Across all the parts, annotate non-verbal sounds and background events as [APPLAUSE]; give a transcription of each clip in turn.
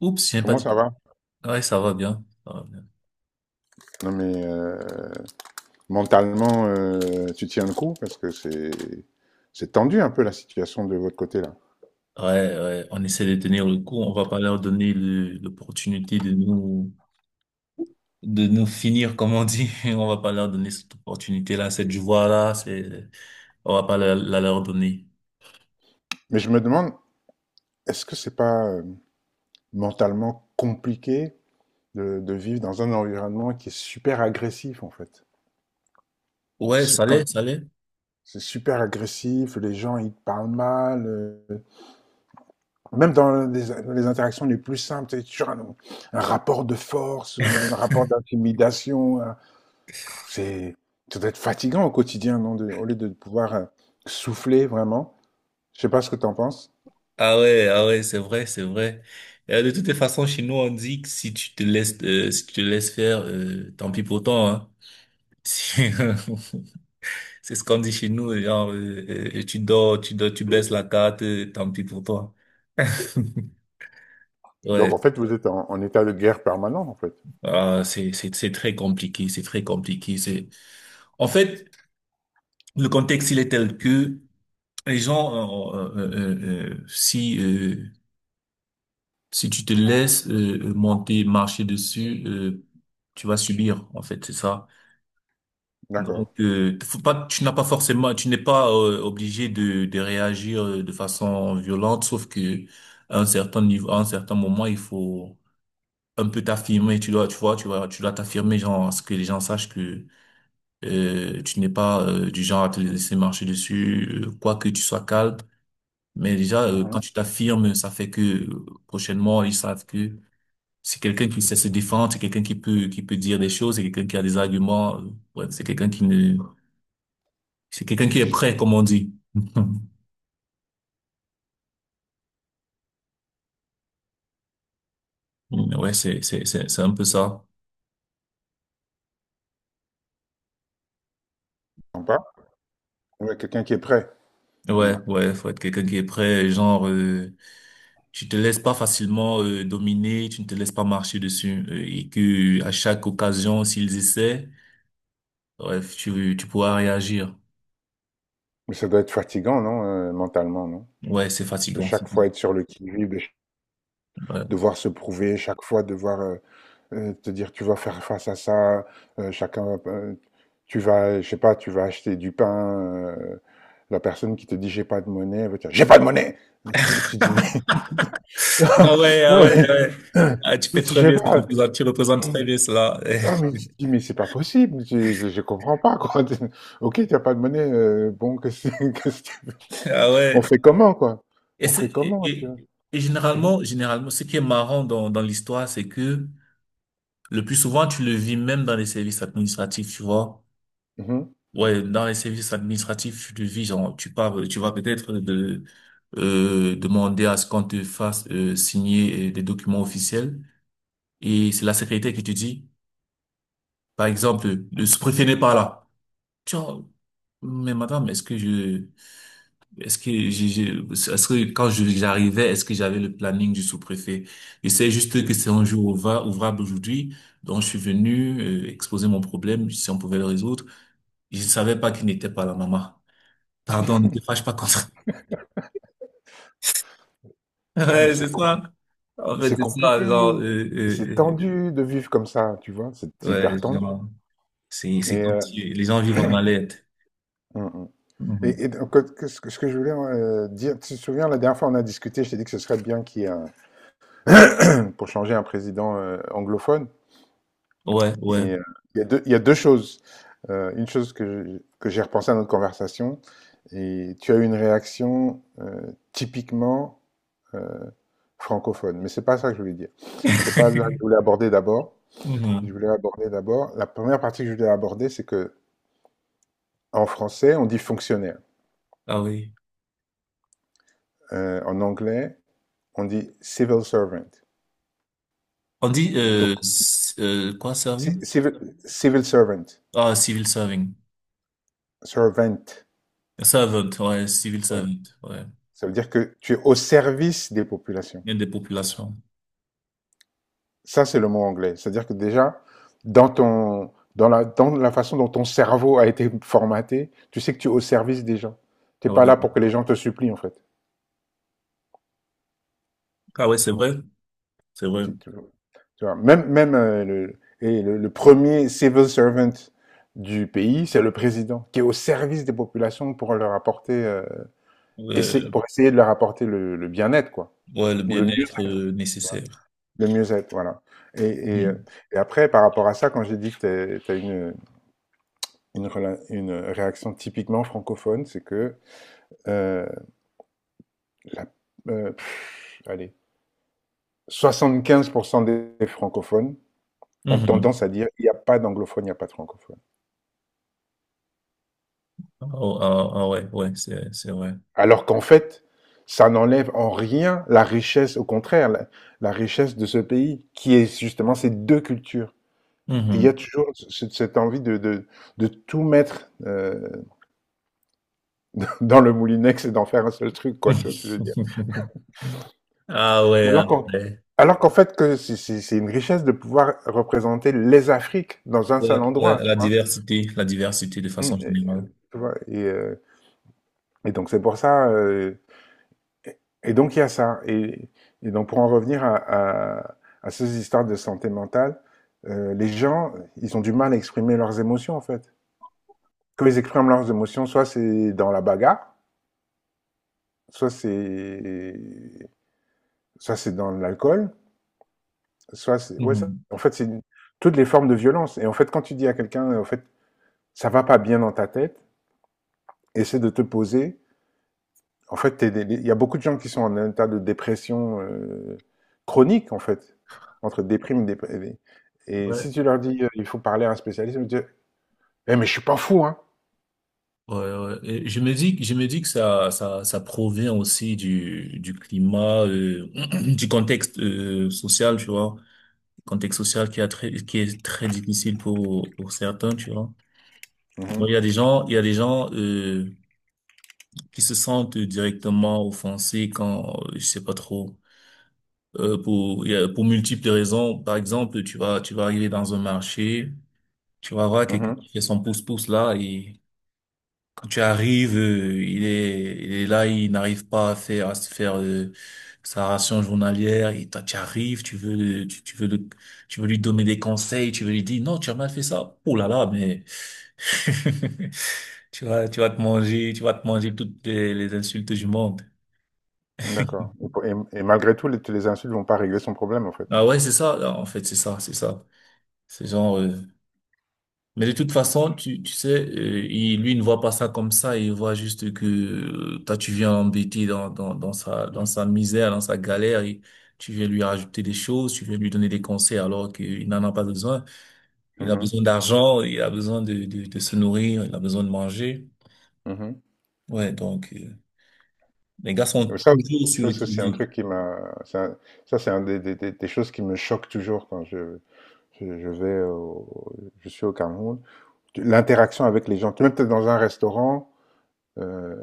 Oups, j'ai pas Comment ça dit. va? Ouais, ça va bien. Ça va bien. Non mais mentalement, tu tiens le coup parce que c'est tendu un peu la situation de votre côté là. Ouais, ouais, on essaie de tenir le coup. On va pas leur donner l'opportunité de nous finir, comme on dit. [LAUGHS] On va pas leur donner cette opportunité-là, cette joie-là. C'est, on va pas la leur donner. Mais je me demande, est-ce que c'est pas mentalement compliqué de vivre dans un environnement qui est super agressif en fait? Ouais, Sup- ça quand- l'est, ça l'est. C'est super agressif, les gens ils te parlent mal, même dans les interactions les plus simples, c'est toujours un rapport de force, un rapport d'intimidation. C'est, Ça doit être fatigant au quotidien, non, au lieu de pouvoir souffler vraiment. Je sais pas ce que tu en penses. Ah ouais, ah ouais, c'est vrai, c'est vrai. De toutes les façons, chez nous, on dit que si tu te laisses, si tu te laisses faire, tant pis pour toi, hein. [LAUGHS] Si- C'est ce qu'on dit chez nous, genre, tu dors, tu dors, tu baisses la carte, tant pis pour toi. [LAUGHS] Donc Ouais. en fait, vous êtes en état de guerre permanent, en fait. Ah, c'est très compliqué, c'est très compliqué. C'est, en fait, le contexte, il est tel que les gens, si, si tu te laisses monter, marcher dessus, tu vas subir, en fait, c'est ça. D'accord. Donc, faut pas, tu n'as pas forcément, tu n'es pas obligé de réagir de façon violente, sauf que à un certain niveau, à un certain moment, il faut un peu t'affirmer. Tu dois, tu vois, tu vois, tu dois t'affirmer, genre, à ce que les gens sachent que tu n'es pas du genre à te laisser marcher dessus, quoi que tu sois calme. Mais déjà, quand Mhm. tu t'affirmes, ça fait que prochainement, ils savent que c'est quelqu'un qui sait se défendre, c'est quelqu'un qui peut dire des choses, c'est quelqu'un qui a des arguments. Bref, c'est quelqu'un qui ne... C'est quelqu'un qui est Tu prêt, comme on dit. [LAUGHS] Ouais, c'est un peu ça. sens pas? Ouais, quelqu'un qui est prêt. Mm. Ouais, ouais, faut être quelqu'un qui est prêt, genre, tu te laisses pas facilement dominer, tu ne te laisses pas marcher dessus, et que à chaque occasion, s'ils essaient, bref, tu pourras réagir. Mais ça doit être fatigant, non, mentalement, non? Ouais, c'est De fatigant. Chaque fois être sur le qui-vive, Ouais. devoir se prouver, chaque fois devoir te dire tu vas faire face à ça, chacun va, tu vas, je sais pas, tu vas acheter du pain, euh, la personne qui te dit j'ai pas de monnaie, elle va te dire j'ai pas de monnaie. Tu dis mais [LAUGHS] Ah ouais, ah non ouais, mais ah ouais. Ah, tu [LAUGHS] je fais très sais bien, pas. Tu représentes très bien cela. Ah, mais tu te dis mais c'est pas possible, je comprends pas quoi. [LAUGHS] Ok, t'as pas de monnaie, bon qu'est-ce que [LAUGHS] qu'est-ce que tu veux. [LAUGHS] Ah On ouais. fait comment quoi? Et, On c'est- fait et, comment tu et- vois? et Mhm, généralement, généralement, ce qui est marrant dans, dans l'histoire, c'est que... Le plus souvent, tu le vis même dans les services administratifs, tu vois. mhm. Ouais, dans les services administratifs, tu le vis, genre, tu pars, tu vas peut-être de, demander à ce qu'on te fasse signer des documents officiels. Et c'est la secrétaire qui te dit, par exemple, le sous-préfet n'est pas là. Tu vois, mais madame, est-ce que je... Est-ce que j'ai- est-ce que quand je- J'arrivais, est-ce que j'avais le planning du sous-préfet? Je sais juste que c'est un jour ouvrable aujourd'hui, donc je suis venu exposer mon problème, si on pouvait le résoudre. Je ne savais pas qu'il n'était pas là, maman. Pardon, ne te fâche pas contre. [LAUGHS] Ah, mais Ouais, c'est c'est ça. En fait, C'est c'est ça, compliqué, genre, c'est euh, tendu de vivre comme ça, tu vois, c'est hyper ouais, tendu. genre, c'est Et, comme si les gens vivent en alerte. mm, mm. et, Mhm. et donc, ce que je voulais dire, tu te souviens, la dernière fois on a discuté, je t'ai dit que ce serait bien qu'il y ait un. [CLEARS THROAT] Pour changer un président anglophone. Ouais, ouais. Et il y a deux choses. Une chose que que j'ai repensé à notre conversation, et tu as eu une réaction typiquement euh, francophone. Mais c'est pas ça que je voulais dire. C'est pas là que je voulais [LAUGHS] aborder d'abord. Je Mhm. voulais aborder d'abord. La première partie que je voulais aborder, c'est que En français, on dit fonctionnaire. Ah oui. En anglais, on dit civil servant. On dit, Donc, quoi, serving? ci- civil, civil servant, Ah, civil serving. servant, Servant, ouais, civil ouais. servant, ouais. Ça veut dire que tu es au service des populations. Bien des populations. Ça, c'est le mot anglais. C'est-à-dire que déjà, dans la façon dont ton cerveau a été formaté, tu sais que tu es au service des gens. Tu Ah n'es ouais, pas là pour que les gens te supplient, en fait. ah ouais, c'est vrai, c'est vrai. Tu, tu- vois, tu vois, même, le premier civil servant du pays, c'est le président, qui est au service des populations pour leur apporter, pour Ouais, essayer de leur apporter le bien-être, quoi, ouais, le ou bien-être nécessaire. le mieux-être, voilà. Et, et, euh, Mhm. et après, par rapport à ça, quand j'ai dit que tu as une réaction typiquement francophone, c'est que euh, la, allez, 75% des francophones ont Mhm. tendance à dire il n'y a pas d'anglophone, il n'y a pas de francophone. Ah, ah, ah ouais, ouais, c'est vrai. Alors qu'en fait, ça n'enlève en rien la richesse, au contraire, la richesse de ce pays, qui est justement ces deux cultures. Et il y a Mhm. toujours cette envie de tout mettre [LAUGHS] dans le moulinex et d'en faire un seul truc, quoi, tu vois ce que je veux dire. [LAUGHS] Ah ouais, ah Alors qu'en ouais. alors qu'en fait, que c'est une richesse de pouvoir représenter les Afriques dans un Ouais, seul ouais, endroit, tu vois. La diversité de Mm, façon générale. tu vois, et donc c'est pour ça. Et donc il y a ça. Et donc pour en revenir à ces histoires de santé mentale, les gens, ils ont du mal à exprimer leurs émotions en fait. Quand ils expriment leurs émotions, soit c'est dans la bagarre, soit c'est soit c'est dans l'alcool, soit c'est ouais, ça Mhm. en fait c'est toutes les formes de violence. Et en fait quand tu dis à quelqu'un en fait ça va pas bien dans ta tête, essaie de te poser, en fait, il y a beaucoup de gens qui sont en état de dépression chronique, en fait, entre déprime et déprime. Et Ouais, si tu leur dis, il faut parler à un spécialiste, ils vont dire, eh, mais je suis pas fou, hein. ouais, ouais. Je me dis que ça provient aussi du climat, [CLEARS THROAT] du contexte social, tu vois. Contexte social qui a très, qui est très difficile pour certains, tu vois. Donc, Mhm, il y a des gens, il y a des gens, qui se sentent directement offensés quand, je sais pas trop, pour, il y a- pour multiples raisons. Par exemple, tu vas arriver dans un marché, tu vas voir quelqu'un mhm. qui fait son pouce-pouce là et... Quand tu arrives, il est là, il n'arrive pas à faire, à se faire sa ration journalière. Et toi, tu arrives, tu veux, tu, tu veux le, tu veux lui donner des conseils, tu veux lui dire non, tu as mal fait ça. Oh là là, mais [LAUGHS] tu vas te manger, tu vas te manger toutes les insultes du monde. [LAUGHS] D'accord. Et, et malgré tout, les insultes vont pas régler son problème, en fait. Ah ouais, c'est ça. En fait, c'est ça, c'est ça. C'est genre. Mais de toute façon, tu sais, il, lui il ne voit pas ça comme ça, il voit juste que toi tu viens l'embêter dans, dans, dans sa misère, dans sa galère, et tu viens lui rajouter des choses, tu viens lui donner des conseils alors qu'il n'en a pas besoin. Il a Mhm, besoin d'argent, il a besoin de se nourrir, il a besoin de manger. mhm. Ouais, donc les gars Et sont Ça, toujours sur ça, le ça, c'est un qui-vive. truc qui m'a. c'est un- Ça, c'est un des choses qui me choque toujours quand je, je vais au- je suis au Cameroun. L'interaction avec les gens. Tu es peut-être dans euh,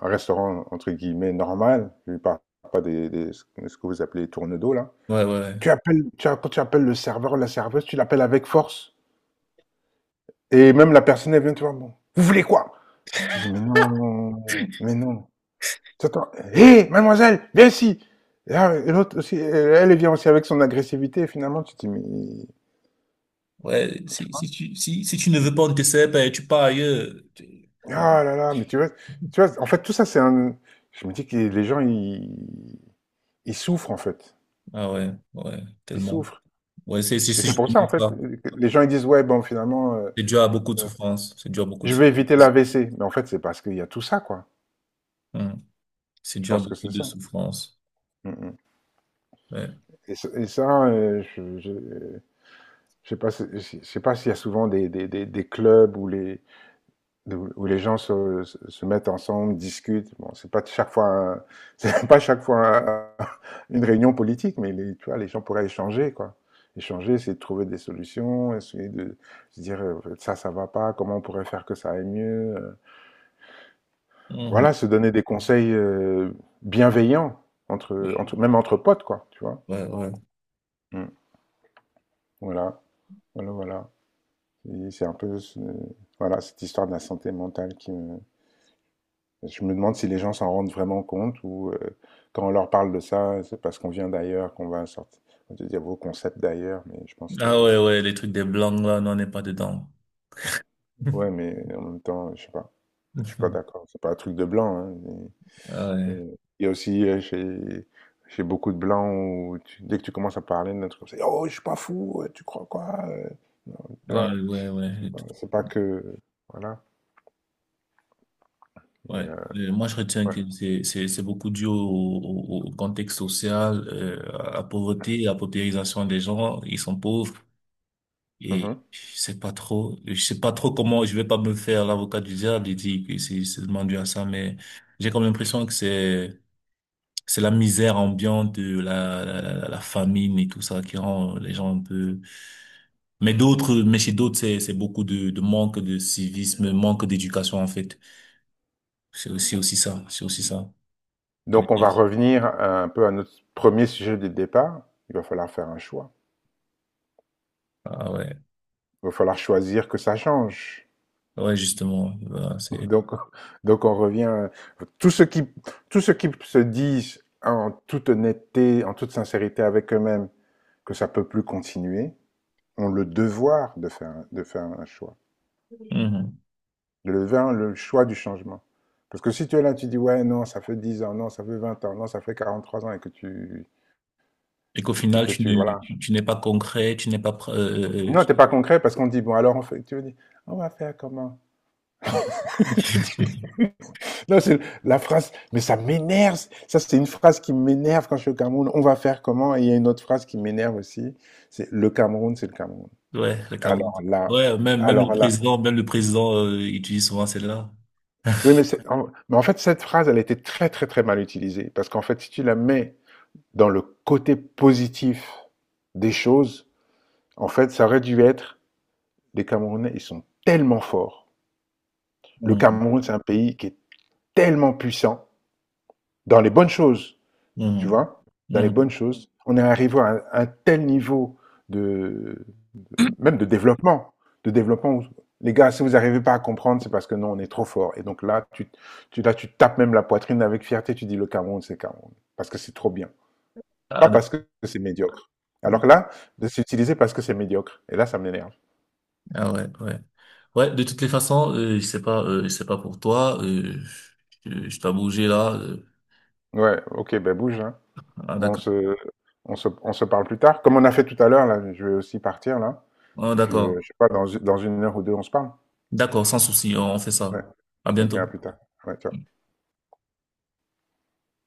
un restaurant entre guillemets normal, je ne parle pas ce que vous appelez les tourne-dos là. Ouais, ouais, ouais. Tu appelles, tu as- Quand tu appelles le serveur ou la serveuse, tu l'appelles avec force. Et même la personne, elle vient te voir, bon, vous voulez quoi? Tu dis, mais non, mais non. T'entends, hé, mademoiselle, viens ici. Et là, et l'autre aussi, elle vient aussi avec son agressivité, et finalement, tu te dis, mais, Ouais, si, si tu ne veux pas, on te sert pas, tu pars ailleurs. Ouais. ah là là, mais tu vois, en fait, tout ça, c'est un, je me dis que les gens, ils souffrent, en fait. Ah ouais, ouais, Ils tellement. souffrent. Ouais, Et c'est c'est pour ça, justement en fait, ça. que les gens ils disent, ouais, bon, finalement, C'est dû à beaucoup de souffrance. C'est dû à beaucoup de je vais éviter la souffrance. l'AVC. Mais en fait, c'est parce qu'il y a tout ça, quoi. Mhm. C'est Je dû à pense que beaucoup c'est de ça. souffrance. Mm, mm. Ouais. Et, et ça, je sais pas, si- si, je sais pas s'il y a souvent des clubs où les gens se mettent ensemble, discutent. Bon, c'est pas chaque fois, [LAUGHS] c'est pas chaque fois une réunion politique, mais tu vois, les gens pourraient échanger, quoi. Échanger, essayer de trouver des solutions, essayer de se dire, ça va pas, comment on pourrait faire que ça aille mieux. Voilà, Mhm. se donner des conseils bienveillants entre Ouais, entre même entre potes quoi, tu vois? ouais, ouais. Mmh. Voilà, voilà, voilà, et c'est un peu cette histoire de la santé mentale qui me je me demande si les gens s'en rendent vraiment compte ou, quand on leur parle de ça, c'est parce qu'on vient d'ailleurs qu'on va sorti, on va te dire: «Vos concepts d'ailleurs», mais je pense que, Ah ouais, ouais, les trucs des blancs, là, non, on n'est pas dedans. ouais, mais en même temps, je sais pas, je suis pas [LAUGHS] d'accord. C'est pas un truc de blanc, hein, Ah mais ouais. Il y a aussi, chez, chez beaucoup de blancs où dès que tu commences à parler, un truc comme ça: oh, je suis pas fou, tu crois quoi? Tu Ah vois, ouais, ouais, ouais. C'est pas que. Voilà. Et, Ouais. Moi, je retiens ouais. que c'est, c'est beaucoup dû au, au contexte social, à la pauvreté, à la paupérisation des gens. Ils sont pauvres et Mhm. je sais pas trop, je sais pas trop comment, je vais pas me faire l'avocat du diable et dire que c'est seulement dû à ça, mais j'ai comme l'impression que c'est... C'est la misère ambiante, la famine et tout ça qui rend les gens un peu... Mais d'autres, mais chez d'autres, c'est beaucoup de manque de civisme, manque d'éducation, en fait. C'est aussi, aussi ça, c'est aussi ça. Il y a Donc, on va des- revenir un peu à notre premier sujet de départ. Il va falloir faire un choix. Ah ouais, Il va falloir choisir que ça change. ouais, justement, voilà, [LAUGHS] c'est... Donc, donc on revient. Tout ce qui, tout ce qui se dit en toute honnêteté, en toute sincérité avec eux-mêmes, que ça peut plus continuer, ont le devoir de faire un choix, Mhm. de faire le choix du changement. Parce que si tu es là, tu dis, ouais, non, ça fait 10 ans, non, ça fait 20 ans, non, ça fait 43 ans et que tu, Et qu'au final, tu ne, voilà. tu n'es pas concret, tu n'es pas... pr- Non, tu- t'es pas concret parce qu'on dit, bon, alors on fait, tu veux dire, on va faire comment? [LAUGHS] Non, c'est la phrase, mais ça m'énerve. Ça, c'est une phrase qui m'énerve quand je suis au Cameroun. On va faire comment? Et il y a une autre phrase qui m'énerve aussi. C'est le Cameroun, c'est le Cameroun. [LAUGHS] Ouais, le Cameroun. Alors là, Ouais, même, alors là. Même le président, utilise souvent celle-là. Oui, mais, [LAUGHS] mais en fait, cette phrase, elle a été très, très, très mal utilisée. Parce qu'en fait, si tu la mets dans le côté positif des choses, en fait, ça aurait dû être: les Camerounais, ils sont tellement forts. Le Mhm. Cameroun, c'est un pays qui est tellement puissant dans les bonnes choses. Tu Mhm. vois, dans les bonnes Mhm. choses. On est arrivé à un tel niveau de, de- même de développement, où, les gars, si vous n'arrivez pas à comprendre, c'est parce que non, on est trop fort. Et donc là, tu tapes même la poitrine avec fierté, tu dis le Cameroun, c'est Cameroun, parce que c'est trop bien, pas Ah, parce que c'est médiocre. d'accord. Alors que là, de s'utiliser parce que c'est médiocre. Et là, ça m'énerve. Ah ouais, ouais. Ouais, de toutes les façons, je sais pas pour toi, je dois bouger là. Ouais, ok, ben bouge, hein. Ah On d'accord. se, on se parle plus tard. Comme on a fait tout à l'heure, là, je vais aussi partir, là. Ah Et puis, d'accord. je sais pas, dans une heure ou deux, on se parle. D'accord, sans souci, on fait Ouais. ça. À Ok, bientôt. à plus tard. Ouais, ciao.